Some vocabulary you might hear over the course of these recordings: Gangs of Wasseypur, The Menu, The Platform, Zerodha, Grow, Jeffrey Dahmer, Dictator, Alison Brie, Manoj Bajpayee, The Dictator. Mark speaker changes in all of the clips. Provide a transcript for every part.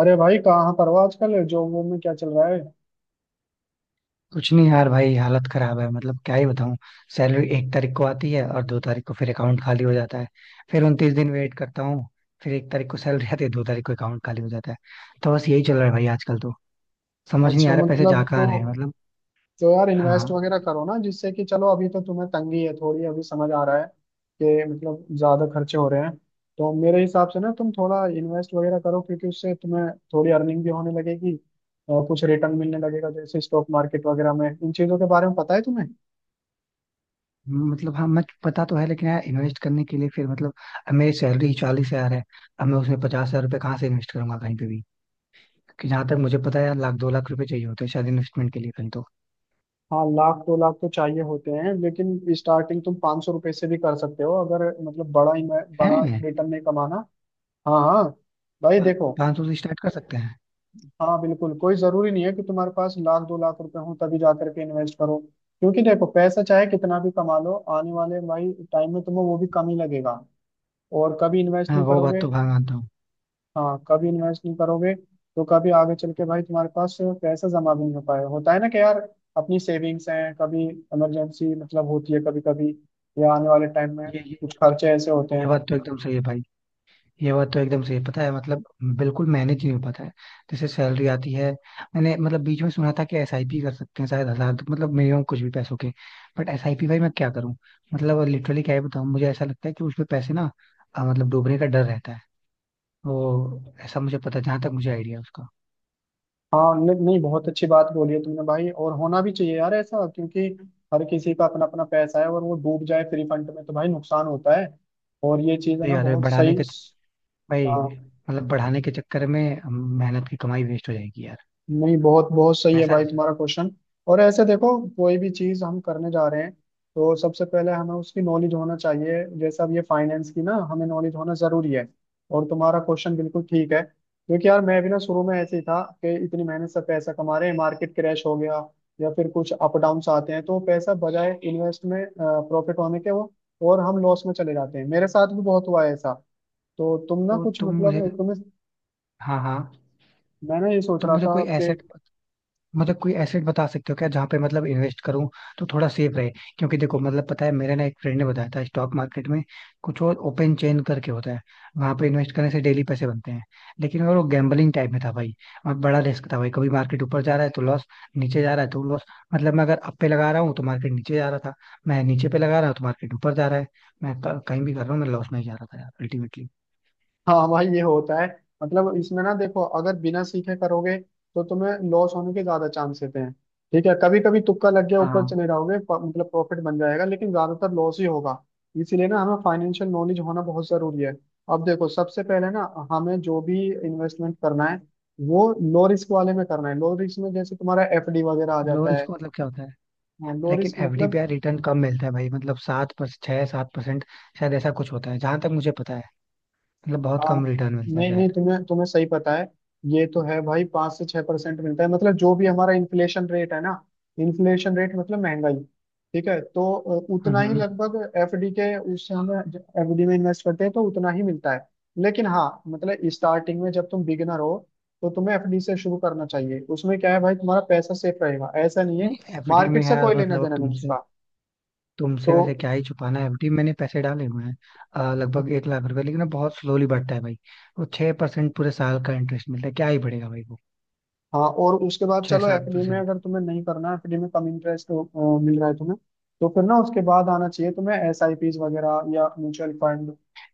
Speaker 1: अरे भाई, कहाँ पर हो आजकल? जॉब वॉब में क्या चल रहा है?
Speaker 2: कुछ नहीं यार भाई, हालत खराब है मतलब क्या ही बताऊं। सैलरी एक तारीख को आती है और 2 तारीख को फिर अकाउंट खाली हो जाता है। फिर 29 दिन वेट करता हूँ। फिर 1 तारीख को सैलरी आती है, 2 तारीख को अकाउंट खाली हो जाता है। तो बस यही चल रहा है भाई आजकल तो। समझ नहीं
Speaker 1: अच्छा
Speaker 2: आ रहा पैसे जा
Speaker 1: मतलब तो
Speaker 2: कहाँ रहे हैं मतलब।
Speaker 1: तो यार इन्वेस्ट
Speaker 2: हाँ।
Speaker 1: वगैरह करो ना, जिससे कि चलो अभी तो तुम्हें तंगी है थोड़ी, अभी समझ आ रहा है कि मतलब ज्यादा खर्चे हो रहे हैं। तो मेरे हिसाब से ना तुम थोड़ा इन्वेस्ट वगैरह करो, क्योंकि उससे तुम्हें थोड़ी अर्निंग भी होने लगेगी और कुछ रिटर्न मिलने लगेगा, जैसे स्टॉक मार्केट वगैरह में। इन चीजों के बारे में पता है तुम्हें?
Speaker 2: मतलब हाँ, मैं, पता तो है लेकिन यार इन्वेस्ट करने के लिए फिर मतलब, अब मेरी सैलरी 40,000 है। अब मैं उसमें 50,000 रुपये कहाँ से इन्वेस्ट करूंगा, कहीं पे भी। क्योंकि जहां तक मुझे पता है यार, लाख दो लाख रुपए चाहिए होते हैं शायद इन्वेस्टमेंट के लिए कहीं तो।
Speaker 1: हाँ, लाख दो लाख तो चाहिए होते हैं, लेकिन स्टार्टिंग तुम 500 रुपये से भी कर सकते हो, अगर मतलब बड़ा बड़ा
Speaker 2: है।
Speaker 1: रिटर्न नहीं कमाना। हाँ हाँ। भाई देखो,
Speaker 2: 500 से स्टार्ट कर सकते हैं।
Speaker 1: हाँ बिल्कुल, कोई जरूरी नहीं है कि तुम्हारे पास लाख दो लाख रुपए हो तभी जा करके इन्वेस्ट करो। क्योंकि देखो, पैसा चाहे कितना भी कमा लो आने वाले भाई टाइम में तुम्हें वो भी कम ही लगेगा, और कभी इन्वेस्ट
Speaker 2: हाँ
Speaker 1: नहीं
Speaker 2: वो बात
Speaker 1: करोगे।
Speaker 2: तो भाग आता हूँ।
Speaker 1: हाँ, कभी इन्वेस्ट नहीं करोगे तो कभी आगे चल के भाई तुम्हारे पास पैसा जमा भी नहीं हो पाए। होता है ना कि यार, अपनी सेविंग्स हैं, कभी इमरजेंसी मतलब होती है कभी कभी, या आने वाले टाइम में
Speaker 2: ये
Speaker 1: कुछ
Speaker 2: बात तो।
Speaker 1: खर्चे ऐसे होते
Speaker 2: ये
Speaker 1: हैं।
Speaker 2: बात तो एकदम सही है भाई। ये बात तो एकदम सही है, पता है मतलब। बिल्कुल मैनेज नहीं हो पाता है। जैसे सैलरी आती है। मैंने मतलब बीच में सुना था कि एसआईपी कर सकते हैं शायद हजार तक, मतलब मिनिमम कुछ भी पैसों के। बट एसआईपी भाई मैं क्या करूँ। मतलब लिटरली क्या ही बताऊँ, मुझे ऐसा लगता है कि उसमें पैसे ना, मतलब डूबने का डर रहता है वो। ऐसा मुझे पता, जहां तक मुझे आइडिया है उसका।
Speaker 1: हाँ नहीं नहीं, बहुत अच्छी बात बोली है तुमने भाई, और होना भी चाहिए यार ऐसा, क्योंकि हर किसी का अपना अपना पैसा है, और वो डूब जाए फ्री फंड में तो भाई नुकसान होता है। और ये चीज है
Speaker 2: तो
Speaker 1: ना,
Speaker 2: यार
Speaker 1: बहुत
Speaker 2: बढ़ाने
Speaker 1: सही।
Speaker 2: के, भाई,
Speaker 1: हाँ,
Speaker 2: मतलब बढ़ाने के चक्कर में, मेहनत की कमाई वेस्ट हो जाएगी यार।
Speaker 1: नहीं बहुत बहुत सही
Speaker 2: मैं
Speaker 1: है
Speaker 2: ऐसा
Speaker 1: भाई
Speaker 2: नहीं चाहता।
Speaker 1: तुम्हारा क्वेश्चन। और ऐसे देखो, कोई भी चीज हम करने जा रहे हैं तो सबसे पहले हमें उसकी नॉलेज होना चाहिए। जैसे अब ये फाइनेंस की ना हमें नॉलेज होना जरूरी है। और तुम्हारा क्वेश्चन बिल्कुल ठीक है, क्योंकि यार मैं भी ना शुरू में ऐसे ही था कि इतनी मेहनत से पैसा कमा रहे हैं, मार्केट क्रैश हो गया, या फिर कुछ अप डाउन्स आते हैं, तो पैसा बजाय इन्वेस्ट में प्रॉफिट होने के वो, और हम लॉस में चले जाते हैं। मेरे साथ भी बहुत हुआ है ऐसा। तो तुम ना
Speaker 2: तो
Speaker 1: कुछ
Speaker 2: तुम मुझे,
Speaker 1: मतलब तुम्हें,
Speaker 2: हाँ हाँ,
Speaker 1: मैं ना ये सोच
Speaker 2: तो
Speaker 1: रहा
Speaker 2: मुझे
Speaker 1: था
Speaker 2: कोई
Speaker 1: कि।
Speaker 2: एसेट, मतलब कोई एसेट बता सकते हो क्या, जहाँ पे मतलब इन्वेस्ट करूँ तो थोड़ा सेफ रहे। क्योंकि देखो मतलब पता है, मेरे ना एक फ्रेंड ने बताया था स्टॉक मार्केट में कुछ और ओपन चेन करके होता है। वहां पे इन्वेस्ट करने से डेली पैसे बनते हैं, लेकिन वो गैम्बलिंग टाइप में था भाई। वहाँ बड़ा रिस्क था भाई, कभी मार्केट ऊपर जा रहा है तो लॉस, नीचे जा रहा है तो लॉस। मतलब मैं अगर अप पे लगा रहा हूँ तो मार्केट नीचे जा रहा था। मैं नीचे पे लगा रहा हूँ तो मार्केट ऊपर जा रहा है। मैं कहीं भी कर रहा हूँ, मैं लॉस में ही जा रहा था यार अल्टीमेटली।
Speaker 1: हाँ भाई, ये होता है। मतलब इसमें ना देखो, अगर बिना सीखे करोगे तो तुम्हें लॉस होने के ज्यादा चांस रहते हैं। ठीक है, कभी कभी तुक्का लग गया ऊपर
Speaker 2: हाँ।
Speaker 1: चले जाओगे, मतलब प्रॉफिट बन जाएगा, लेकिन ज्यादातर लॉस ही होगा। इसीलिए ना हमें फाइनेंशियल नॉलेज होना बहुत जरूरी है। अब देखो, सबसे पहले ना हमें जो भी इन्वेस्टमेंट करना है वो लो रिस्क वाले में करना है। लो रिस्क में जैसे तुम्हारा एफडी वगैरह आ
Speaker 2: लो
Speaker 1: जाता है।
Speaker 2: रिस्क मतलब क्या होता है।
Speaker 1: लो
Speaker 2: लेकिन
Speaker 1: रिस्क
Speaker 2: एफडी पे
Speaker 1: मतलब।
Speaker 2: यार रिटर्न कम मिलता है भाई, मतलब 7 पर 6-7% शायद, ऐसा कुछ होता है जहां तक मुझे पता है। मतलब बहुत
Speaker 1: हाँ
Speaker 2: कम रिटर्न मिलता है
Speaker 1: नहीं नहीं,
Speaker 2: शायद।
Speaker 1: तुम्हें तुम्हें सही पता है। ये तो है भाई, 5 से 6% मिलता है, मतलब जो भी हमारा इन्फ्लेशन रेट है ना, इन्फ्लेशन रेट मतलब महंगाई। ठीक है, तो उतना ही
Speaker 2: हम्म।
Speaker 1: लगभग एफडी के, उससे हमें, एफडी में इन्वेस्ट करते हैं तो उतना ही मिलता है। लेकिन हाँ, मतलब स्टार्टिंग में जब तुम बिगिनर हो तो तुम्हें एफडी से शुरू करना चाहिए। उसमें क्या है भाई, तुम्हारा पैसा सेफ रहेगा, ऐसा नहीं है,
Speaker 2: नहीं एफडी में
Speaker 1: मार्केट से कोई
Speaker 2: यार,
Speaker 1: लेना
Speaker 2: मतलब अब
Speaker 1: देना नहीं
Speaker 2: तुमसे
Speaker 1: उसका। तो
Speaker 2: तुमसे वैसे क्या ही छुपाना है, एफडी मैंने पैसे डाले हुए हैं, लगभग 1 लाख रुपए, लेकिन वो बहुत स्लोली बढ़ता है भाई। वो 6% पूरे साल का इंटरेस्ट मिलता है, क्या ही बढ़ेगा भाई वो।
Speaker 1: हाँ, और उसके बाद
Speaker 2: छह
Speaker 1: चलो
Speaker 2: सात
Speaker 1: एफडी में
Speaker 2: परसेंट।
Speaker 1: अगर तुम्हें नहीं करना, एफडी में कम इंटरेस्ट मिल रहा है तुम्हें, तो फिर ना उसके बाद आना चाहिए तुम्हें एसआईपीज वगैरह या म्यूचुअल फंड।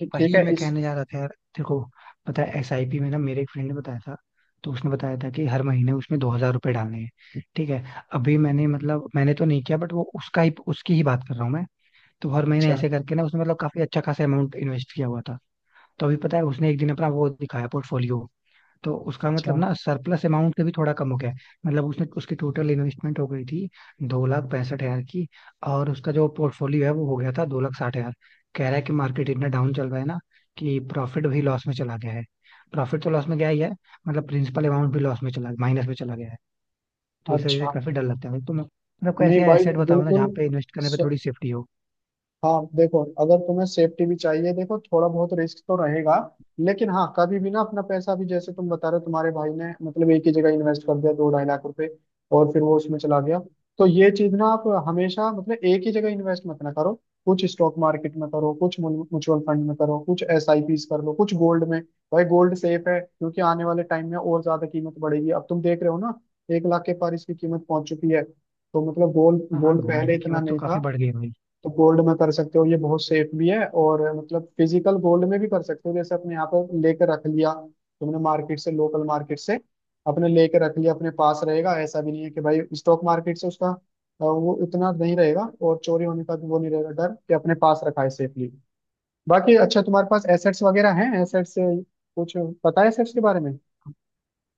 Speaker 1: ठीक ठीक
Speaker 2: वही
Speaker 1: है
Speaker 2: मैं
Speaker 1: इस।
Speaker 2: कहने जा रहा था यार। देखो, पता है एसआईपी में ना, मेरे एक फ्रेंड ने बताया था। तो उसने बताया था कि हर महीने उसमें 2,000 रुपये डालने हैं, ठीक है। अभी मैंने मतलब, मैंने तो नहीं किया बट, वो उसका ही उसकी ही बात कर रहा हूँ मैं। तो हर महीने
Speaker 1: अच्छा
Speaker 2: ऐसे करके ना उसने मतलब काफी अच्छा खासा अमाउंट इन्वेस्ट किया हुआ था। तो अभी पता है उसने एक दिन अपना वो दिखाया, पोर्टफोलियो। तो उसका
Speaker 1: अच्छा
Speaker 2: मतलब ना, सरप्लस अमाउंट से भी थोड़ा कम हो गया है। मतलब उसने, उसकी टोटल इन्वेस्टमेंट हो गई थी 2,65,000 की, और उसका जो पोर्टफोलियो है वो हो गया था 2,60,000। कह रहा है कि मार्केट इतना डाउन चल रहा है ना कि प्रॉफिट भी लॉस में चला गया है। प्रॉफिट तो लॉस में गया ही है, मतलब प्रिंसिपल अमाउंट भी लॉस में चला, माइनस में चला गया है। तो इस वजह से
Speaker 1: अच्छा।
Speaker 2: काफी डर लगता है, तो मैं मतलब कोई
Speaker 1: नहीं
Speaker 2: ऐसे
Speaker 1: भाई,
Speaker 2: एसेट बताओ ना जहाँ
Speaker 1: बिल्कुल।
Speaker 2: पे इन्वेस्ट करने पे
Speaker 1: स-
Speaker 2: थोड़ी सेफ्टी हो।
Speaker 1: हाँ देखो, अगर तुम्हें सेफ्टी भी चाहिए, देखो थोड़ा बहुत रिस्क तो रहेगा। लेकिन हाँ, कभी भी ना अपना पैसा भी, जैसे तुम बता रहे हो तुम्हारे भाई ने मतलब एक ही जगह इन्वेस्ट कर दिया दो ढाई लाख रुपए, और फिर वो उसमें चला गया। तो ये चीज ना, आप हमेशा मतलब एक ही जगह इन्वेस्ट मत ना करो। कुछ स्टॉक मार्केट में करो, कुछ म्यूचुअल फंड में करो, कुछ एसआईपीस कर लो, कुछ गोल्ड में। भाई गोल्ड सेफ है, क्योंकि आने वाले टाइम में और ज्यादा कीमत बढ़ेगी। अब तुम देख रहे हो ना, 1 लाख के पार इसकी कीमत पहुंच चुकी है, तो मतलब गोल्ड,
Speaker 2: हाँ हाँ,
Speaker 1: गोल्ड
Speaker 2: गोल्ड
Speaker 1: पहले
Speaker 2: की
Speaker 1: इतना
Speaker 2: कीमत तो
Speaker 1: नहीं
Speaker 2: काफी
Speaker 1: था।
Speaker 2: बढ़ गई है भाई।
Speaker 1: तो गोल्ड में कर सकते हो, ये बहुत सेफ भी है, और मतलब फिजिकल गोल्ड में भी कर सकते हो। जैसे अपने यहाँ पर लेकर रख लिया तुमने, मार्केट से, लोकल मार्केट से, अपने लेकर रख लिया, अपने पास रहेगा। ऐसा भी नहीं है कि भाई, स्टॉक मार्केट से उसका वो इतना नहीं रहेगा, और चोरी होने का भी वो नहीं रहेगा डर, कि अपने पास रखा है सेफली। बाकी अच्छा, तुम्हारे पास एसेट्स वगैरह हैं? एसेट्स कुछ पता है एसेट्स के बारे में?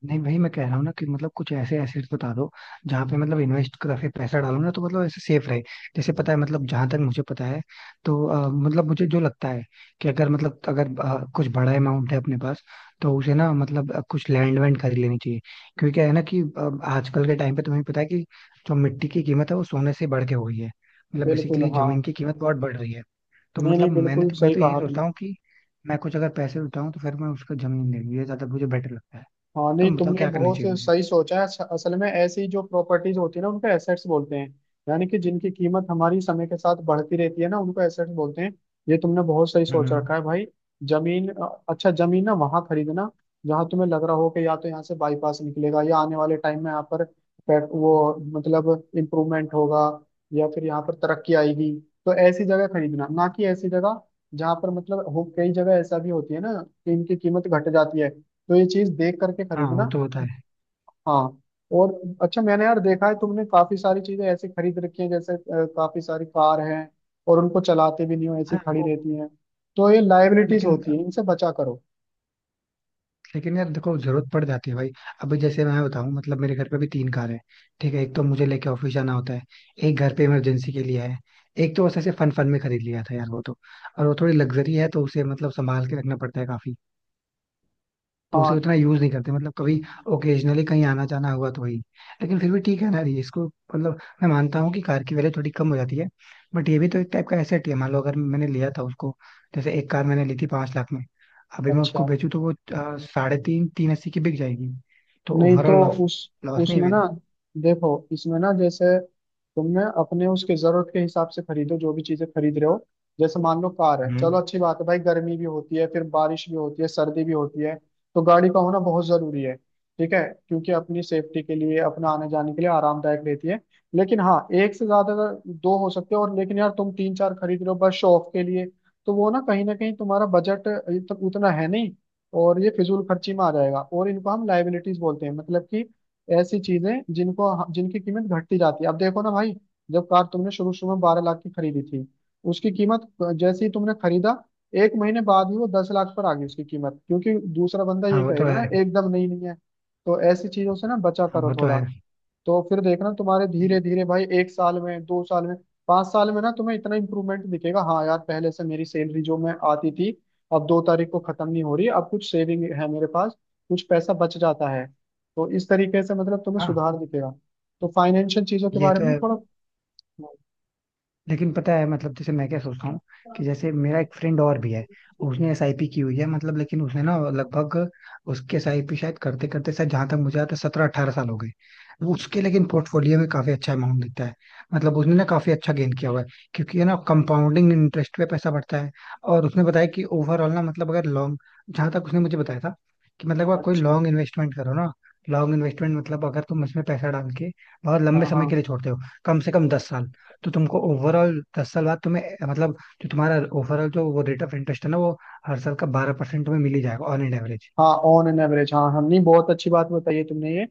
Speaker 2: नहीं भाई, मैं कह रहा हूँ ना कि मतलब कुछ ऐसे एसेट्स बता दो जहाँ पे मतलब इन्वेस्ट करके पैसा डालो ना, तो मतलब ऐसे सेफ रहे। जैसे पता है मतलब, जहां तक मुझे पता है, तो मतलब मुझे जो लगता है कि अगर मतलब, अगर कुछ बड़ा अमाउंट है अपने पास, तो उसे ना मतलब कुछ लैंड वैंड खरीद लेनी चाहिए। क्योंकि क्या है ना कि आजकल के टाइम पे तुम्हें पता है कि जो मिट्टी की कीमत है वो सोने से बढ़ के हो गई है, मतलब
Speaker 1: बिल्कुल।
Speaker 2: बेसिकली
Speaker 1: हाँ
Speaker 2: जमीन की कीमत बहुत बढ़ रही है। तो
Speaker 1: नहीं
Speaker 2: मतलब
Speaker 1: नहीं, बिल्कुल
Speaker 2: मैं
Speaker 1: सही
Speaker 2: तो यही
Speaker 1: कहा
Speaker 2: सोचता
Speaker 1: तुमने।
Speaker 2: हूँ कि मैं कुछ अगर पैसे उठाऊं, तो फिर मैं उसका जमीन ले लूँ, ये ज्यादा मुझे बेटर लगता है।
Speaker 1: हाँ, नहीं
Speaker 2: तुम बताओ
Speaker 1: तुमने
Speaker 2: क्या करनी
Speaker 1: बहुत
Speaker 2: चाहिए मुझे।
Speaker 1: सही सोचा है। असल में ऐसी जो प्रॉपर्टीज होती है ना, उनको एसेट्स बोलते हैं। यानी कि जिनकी कीमत हमारी समय के साथ बढ़ती रहती है ना, उनको एसेट्स बोलते हैं। ये तुमने बहुत सही सोच
Speaker 2: हम्म।
Speaker 1: रखा है भाई। जमीन, अच्छा जमीन ना वहां खरीदना, जहाँ तुम्हें लग रहा हो कि या तो यहाँ से बाईपास निकलेगा, या आने वाले टाइम में यहाँ पर वो मतलब इम्प्रूवमेंट होगा, या फिर यहाँ पर तरक्की आएगी। तो ऐसी जगह खरीदना ना, कि ऐसी जगह जहाँ पर मतलब कई जगह ऐसा भी होती है ना कि इनकी कीमत घट जाती है, तो ये चीज देख करके
Speaker 2: हाँ वो
Speaker 1: खरीदना।
Speaker 2: तो होता है।
Speaker 1: हाँ। और अच्छा, मैंने यार देखा है तुमने काफी सारी चीजें ऐसी खरीद रखी हैं, जैसे काफी सारी कार हैं और उनको चलाते भी नहीं हो, ऐसी
Speaker 2: हाँ
Speaker 1: खड़ी
Speaker 2: वो।
Speaker 1: रहती हैं। तो ये लाइबिलिटीज
Speaker 2: लेकिन
Speaker 1: होती है, इनसे बचा करो।
Speaker 2: लेकिन यार देखो जरूरत पड़ जाती है भाई। अभी जैसे मैं बताऊं, मतलब मेरे घर पे भी तीन कार है। ठीक है, एक तो मुझे लेके ऑफिस जाना होता है, एक घर पे इमरजेंसी के लिए है, एक तो बस ऐसे फन फन में खरीद लिया था यार वो तो। और वो थोड़ी लग्जरी है तो उसे मतलब संभाल के रखना पड़ता है काफी। तो उसे
Speaker 1: हाँ,
Speaker 2: उतना यूज नहीं करते मतलब, कभी ओकेजनली कहीं आना जाना हुआ तो वही। लेकिन फिर भी ठीक है ना, ये इसको मतलब मैं मानता हूँ कि कार की वैल्यू थोड़ी कम हो जाती है, बट ये भी तो एक टाइप का एसेट ही है मान लो। अगर मैंने लिया था उसको, जैसे एक कार मैंने ली थी 5 लाख में, अभी मैं
Speaker 1: अच्छा,
Speaker 2: उसको बेचूं तो वो, साढ़े तीन तीन अस्सी की बिक जाएगी। तो
Speaker 1: नहीं
Speaker 2: ओवरऑल
Speaker 1: तो
Speaker 2: लॉस,
Speaker 1: उस
Speaker 2: लॉस नहीं है
Speaker 1: उसमें ना
Speaker 2: मेरा।
Speaker 1: देखो, इसमें ना जैसे तुमने अपने उसके जरूरत के हिसाब से खरीदो, जो भी चीजें खरीद रहे हो, जैसे मान लो कार है।
Speaker 2: हम्म।
Speaker 1: चलो अच्छी बात है भाई, गर्मी भी होती है, फिर बारिश भी होती है, सर्दी भी होती है, तो गाड़ी का होना बहुत जरूरी है। ठीक है, क्योंकि अपनी सेफ्टी के लिए, अपना आने जाने के लिए आरामदायक रहती है। लेकिन हाँ, एक से ज्यादा अगर दो हो सकते हो, और लेकिन यार तुम तीन चार खरीद रहे हो बस शो ऑफ के लिए। तो वो ना कहीं तुम्हारा बजट उतना है नहीं, और ये फिजूल खर्ची में आ जाएगा, और इनको हम लाइबिलिटीज बोलते हैं, मतलब कि ऐसी चीजें जिनको, जिनकी कीमत घटती जाती है। अब देखो ना भाई, जब कार तुमने शुरू शुरू में 12 लाख की खरीदी थी, उसकी कीमत, जैसे ही तुमने खरीदा, 1 महीने बाद ही वो 10 लाख पर आ गई उसकी कीमत, क्योंकि दूसरा बंदा
Speaker 2: हाँ
Speaker 1: ये
Speaker 2: वो तो
Speaker 1: कहेगा
Speaker 2: है।
Speaker 1: ना, एकदम नई नहीं है। तो ऐसी चीजों से ना बचा
Speaker 2: हाँ
Speaker 1: करो
Speaker 2: वो तो
Speaker 1: थोड़ा।
Speaker 2: है।
Speaker 1: तो फिर देखना तुम्हारे, धीरे
Speaker 2: ये-
Speaker 1: धीरे भाई 1 साल में, 2 साल में, 5 साल में ना तुम्हें इतना इम्प्रूवमेंट दिखेगा। हाँ यार पहले से मेरी सैलरी जो मैं आती थी, अब 2 तारीख को खत्म नहीं हो रही, अब कुछ सेविंग है मेरे पास, कुछ पैसा बच जाता है। तो इस तरीके से मतलब तुम्हें
Speaker 2: हाँ
Speaker 1: सुधार दिखेगा। तो फाइनेंशियल चीजों के
Speaker 2: ये
Speaker 1: बारे
Speaker 2: तो
Speaker 1: में ना
Speaker 2: है,
Speaker 1: थोड़ा।
Speaker 2: लेकिन पता है मतलब, जैसे मैं क्या सोचता हूँ कि जैसे मेरा एक फ्रेंड और भी है। उसने एसआईपी की हुई है मतलब, लेकिन उसने ना लगभग, उसके एसआईपी शायद करते करते शायद, जहां तक मुझे आता है, 17-18 साल हो गए। वो उसके लेकिन पोर्टफोलियो में काफी अच्छा अमाउंट दिखता है, मतलब उसने ना काफी अच्छा गेन किया हुआ है। क्योंकि है ना, कंपाउंडिंग इंटरेस्ट पे पैसा बढ़ता है। और उसने बताया कि ओवरऑल ना मतलब अगर लॉन्ग, जहां तक उसने मुझे बताया था, कि मतलब अगर कोई
Speaker 1: अच्छा।
Speaker 2: लॉन्ग इन्वेस्टमेंट करो ना। लॉन्ग इन्वेस्टमेंट मतलब अगर तुम इसमें पैसा डाल के बहुत
Speaker 1: हाँ
Speaker 2: लंबे समय के
Speaker 1: हाँ,
Speaker 2: लिए छोड़ते हो, कम से कम 10 साल, तो तुमको ओवरऑल 10 साल बाद तुम्हें, मतलब जो तुम्हारा ओवरऑल, जो वो रेट ऑफ इंटरेस्ट है ना, वो हर साल का 12% तुम्हें मिल ही जाएगा ऑन एन एवरेज।
Speaker 1: हाँ ऑन एन एवरेज। हाँ, हमने बहुत अच्छी बात बताई है तुमने ये।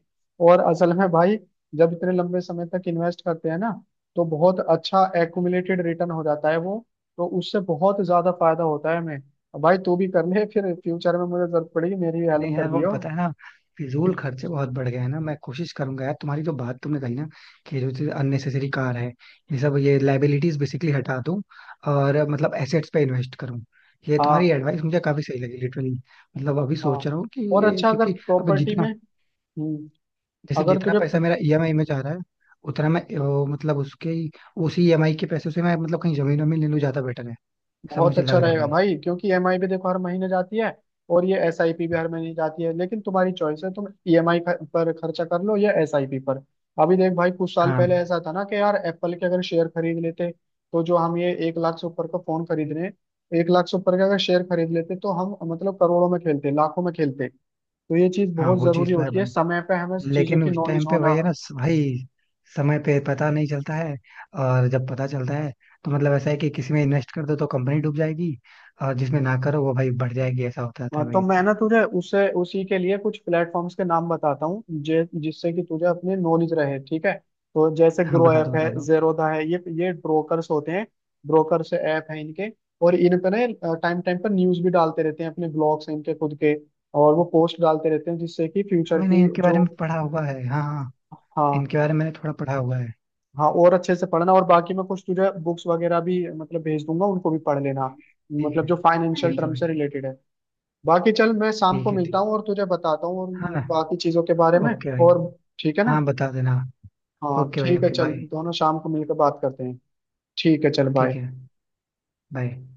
Speaker 1: और असल में भाई, जब इतने लंबे समय तक इन्वेस्ट करते हैं ना, तो बहुत अच्छा एक्यूमुलेटेड रिटर्न हो जाता है वो, तो उससे बहुत ज्यादा फायदा होता है हमें। भाई तू भी कर ले, फिर फ्यूचर में मुझे जरूरत पड़ेगी, मेरी भी हेल्प
Speaker 2: नहीं
Speaker 1: कर
Speaker 2: यार, वो
Speaker 1: दियो।
Speaker 2: पता है ना, फिजूल खर्चे बहुत बढ़ गए हैं ना। मैं कोशिश करूंगा यार, तुम्हारी जो बात तुमने कही ना, कि जो चीज अननेसेसरी कार है, ये सब, ये लाइबिलिटीज बेसिकली, हटा दूं। और मतलब एसेट्स पे इन्वेस्ट करूं। ये तुम्हारी
Speaker 1: हाँ
Speaker 2: एडवाइस मुझे काफी सही लगी लिटरली। मतलब अभी
Speaker 1: हाँ,
Speaker 2: सोच रहा हूँ कि
Speaker 1: और
Speaker 2: ये,
Speaker 1: अच्छा अगर
Speaker 2: क्योंकि अब
Speaker 1: प्रॉपर्टी में,
Speaker 2: जितना,
Speaker 1: हम्म,
Speaker 2: जैसे
Speaker 1: अगर
Speaker 2: जितना
Speaker 1: तुझे,
Speaker 2: पैसा मेरा ईएमआई में जा रहा है उतना मैं, मतलब उसी ईएमआई के पैसे से मैं मतलब कहीं जमीन वमीन ले लूँ, ज्यादा बेटर है। सब
Speaker 1: बहुत
Speaker 2: मुझे
Speaker 1: अच्छा
Speaker 2: लग रहा है
Speaker 1: रहेगा
Speaker 2: भाई।
Speaker 1: भाई। क्योंकि ईएमआई भी देखो हर महीने जाती है, और ये एसआईपी भी हर महीने जाती है, लेकिन तुम्हारी चॉइस है, तुम ईएमआई पर खर्चा कर लो या एसआईपी पर। अभी देख भाई, कुछ साल
Speaker 2: हाँ
Speaker 1: पहले ऐसा था ना कि यार, एप्पल के अगर शेयर खरीद लेते, तो जो हम ये 1 लाख से ऊपर का फोन खरीद रहे हैं, 1 लाख से ऊपर का अगर शेयर खरीद लेते तो हम मतलब करोड़ों में खेलते, लाखों में खेलते। तो ये चीज
Speaker 2: हाँ,
Speaker 1: बहुत
Speaker 2: वो चीज
Speaker 1: जरूरी
Speaker 2: तो है
Speaker 1: होती है,
Speaker 2: भाई।
Speaker 1: समय पे हमें चीजों
Speaker 2: लेकिन
Speaker 1: की
Speaker 2: उस
Speaker 1: नॉलेज
Speaker 2: टाइम पे
Speaker 1: होना।
Speaker 2: भाई है ना, भाई समय पे पता नहीं चलता है। और जब पता चलता है, तो मतलब ऐसा है कि किसी में इन्वेस्ट कर दो तो कंपनी डूब जाएगी, और जिसमें ना करो वो भाई बढ़ जाएगी, ऐसा होता रहता
Speaker 1: हाँ,
Speaker 2: है
Speaker 1: तो
Speaker 2: भाई
Speaker 1: मैं
Speaker 2: अक्सर।
Speaker 1: ना तुझे उसे उसी के लिए कुछ प्लेटफॉर्म्स के नाम बताता हूँ, जिससे कि तुझे अपनी नॉलेज रहे। ठीक है, तो जैसे
Speaker 2: हाँ
Speaker 1: ग्रो
Speaker 2: बता
Speaker 1: ऐप
Speaker 2: दो
Speaker 1: है,
Speaker 2: बता दो।
Speaker 1: जेरोधा है, ये ब्रोकर्स होते हैं। ब्रोकर्स ऐप है इनके, और इन पे ना टाइम टाइम पर न्यूज भी डालते रहते हैं, अपने ब्लॉग्स हैं इनके खुद के। और वो पोस्ट डालते रहते हैं जिससे कि
Speaker 2: हाँ,
Speaker 1: फ्यूचर
Speaker 2: मैंने
Speaker 1: की
Speaker 2: इनके बारे
Speaker 1: जो।
Speaker 2: में पढ़ा हुआ है, हाँ हाँ।
Speaker 1: हाँ
Speaker 2: इनके बारे में मैंने थोड़ा पढ़ा हुआ है।
Speaker 1: हाँ, और अच्छे से पढ़ना, और बाकी मैं कुछ तुझे बुक्स वगैरह भी मतलब भेज दूंगा, उनको भी पढ़ लेना,
Speaker 2: ठीक
Speaker 1: मतलब
Speaker 2: है।
Speaker 1: जो फाइनेंशियल
Speaker 2: ठीक है
Speaker 1: टर्म
Speaker 2: भाई।
Speaker 1: से रिलेटेड है। बाकी चल, मैं शाम को
Speaker 2: ठीक है,
Speaker 1: मिलता
Speaker 2: ठीक।
Speaker 1: हूँ और तुझे बताता हूँ, और
Speaker 2: हाँ।
Speaker 1: बाकी चीजों के बारे में,
Speaker 2: ओके भाई।
Speaker 1: और ठीक है ना?
Speaker 2: हाँ बता देना।
Speaker 1: हाँ
Speaker 2: ओके भाई,
Speaker 1: ठीक है,
Speaker 2: ओके
Speaker 1: चल
Speaker 2: बाय।
Speaker 1: दोनों शाम को मिलकर बात करते हैं। ठीक है, चल
Speaker 2: ठीक
Speaker 1: बाय।
Speaker 2: है। बाय।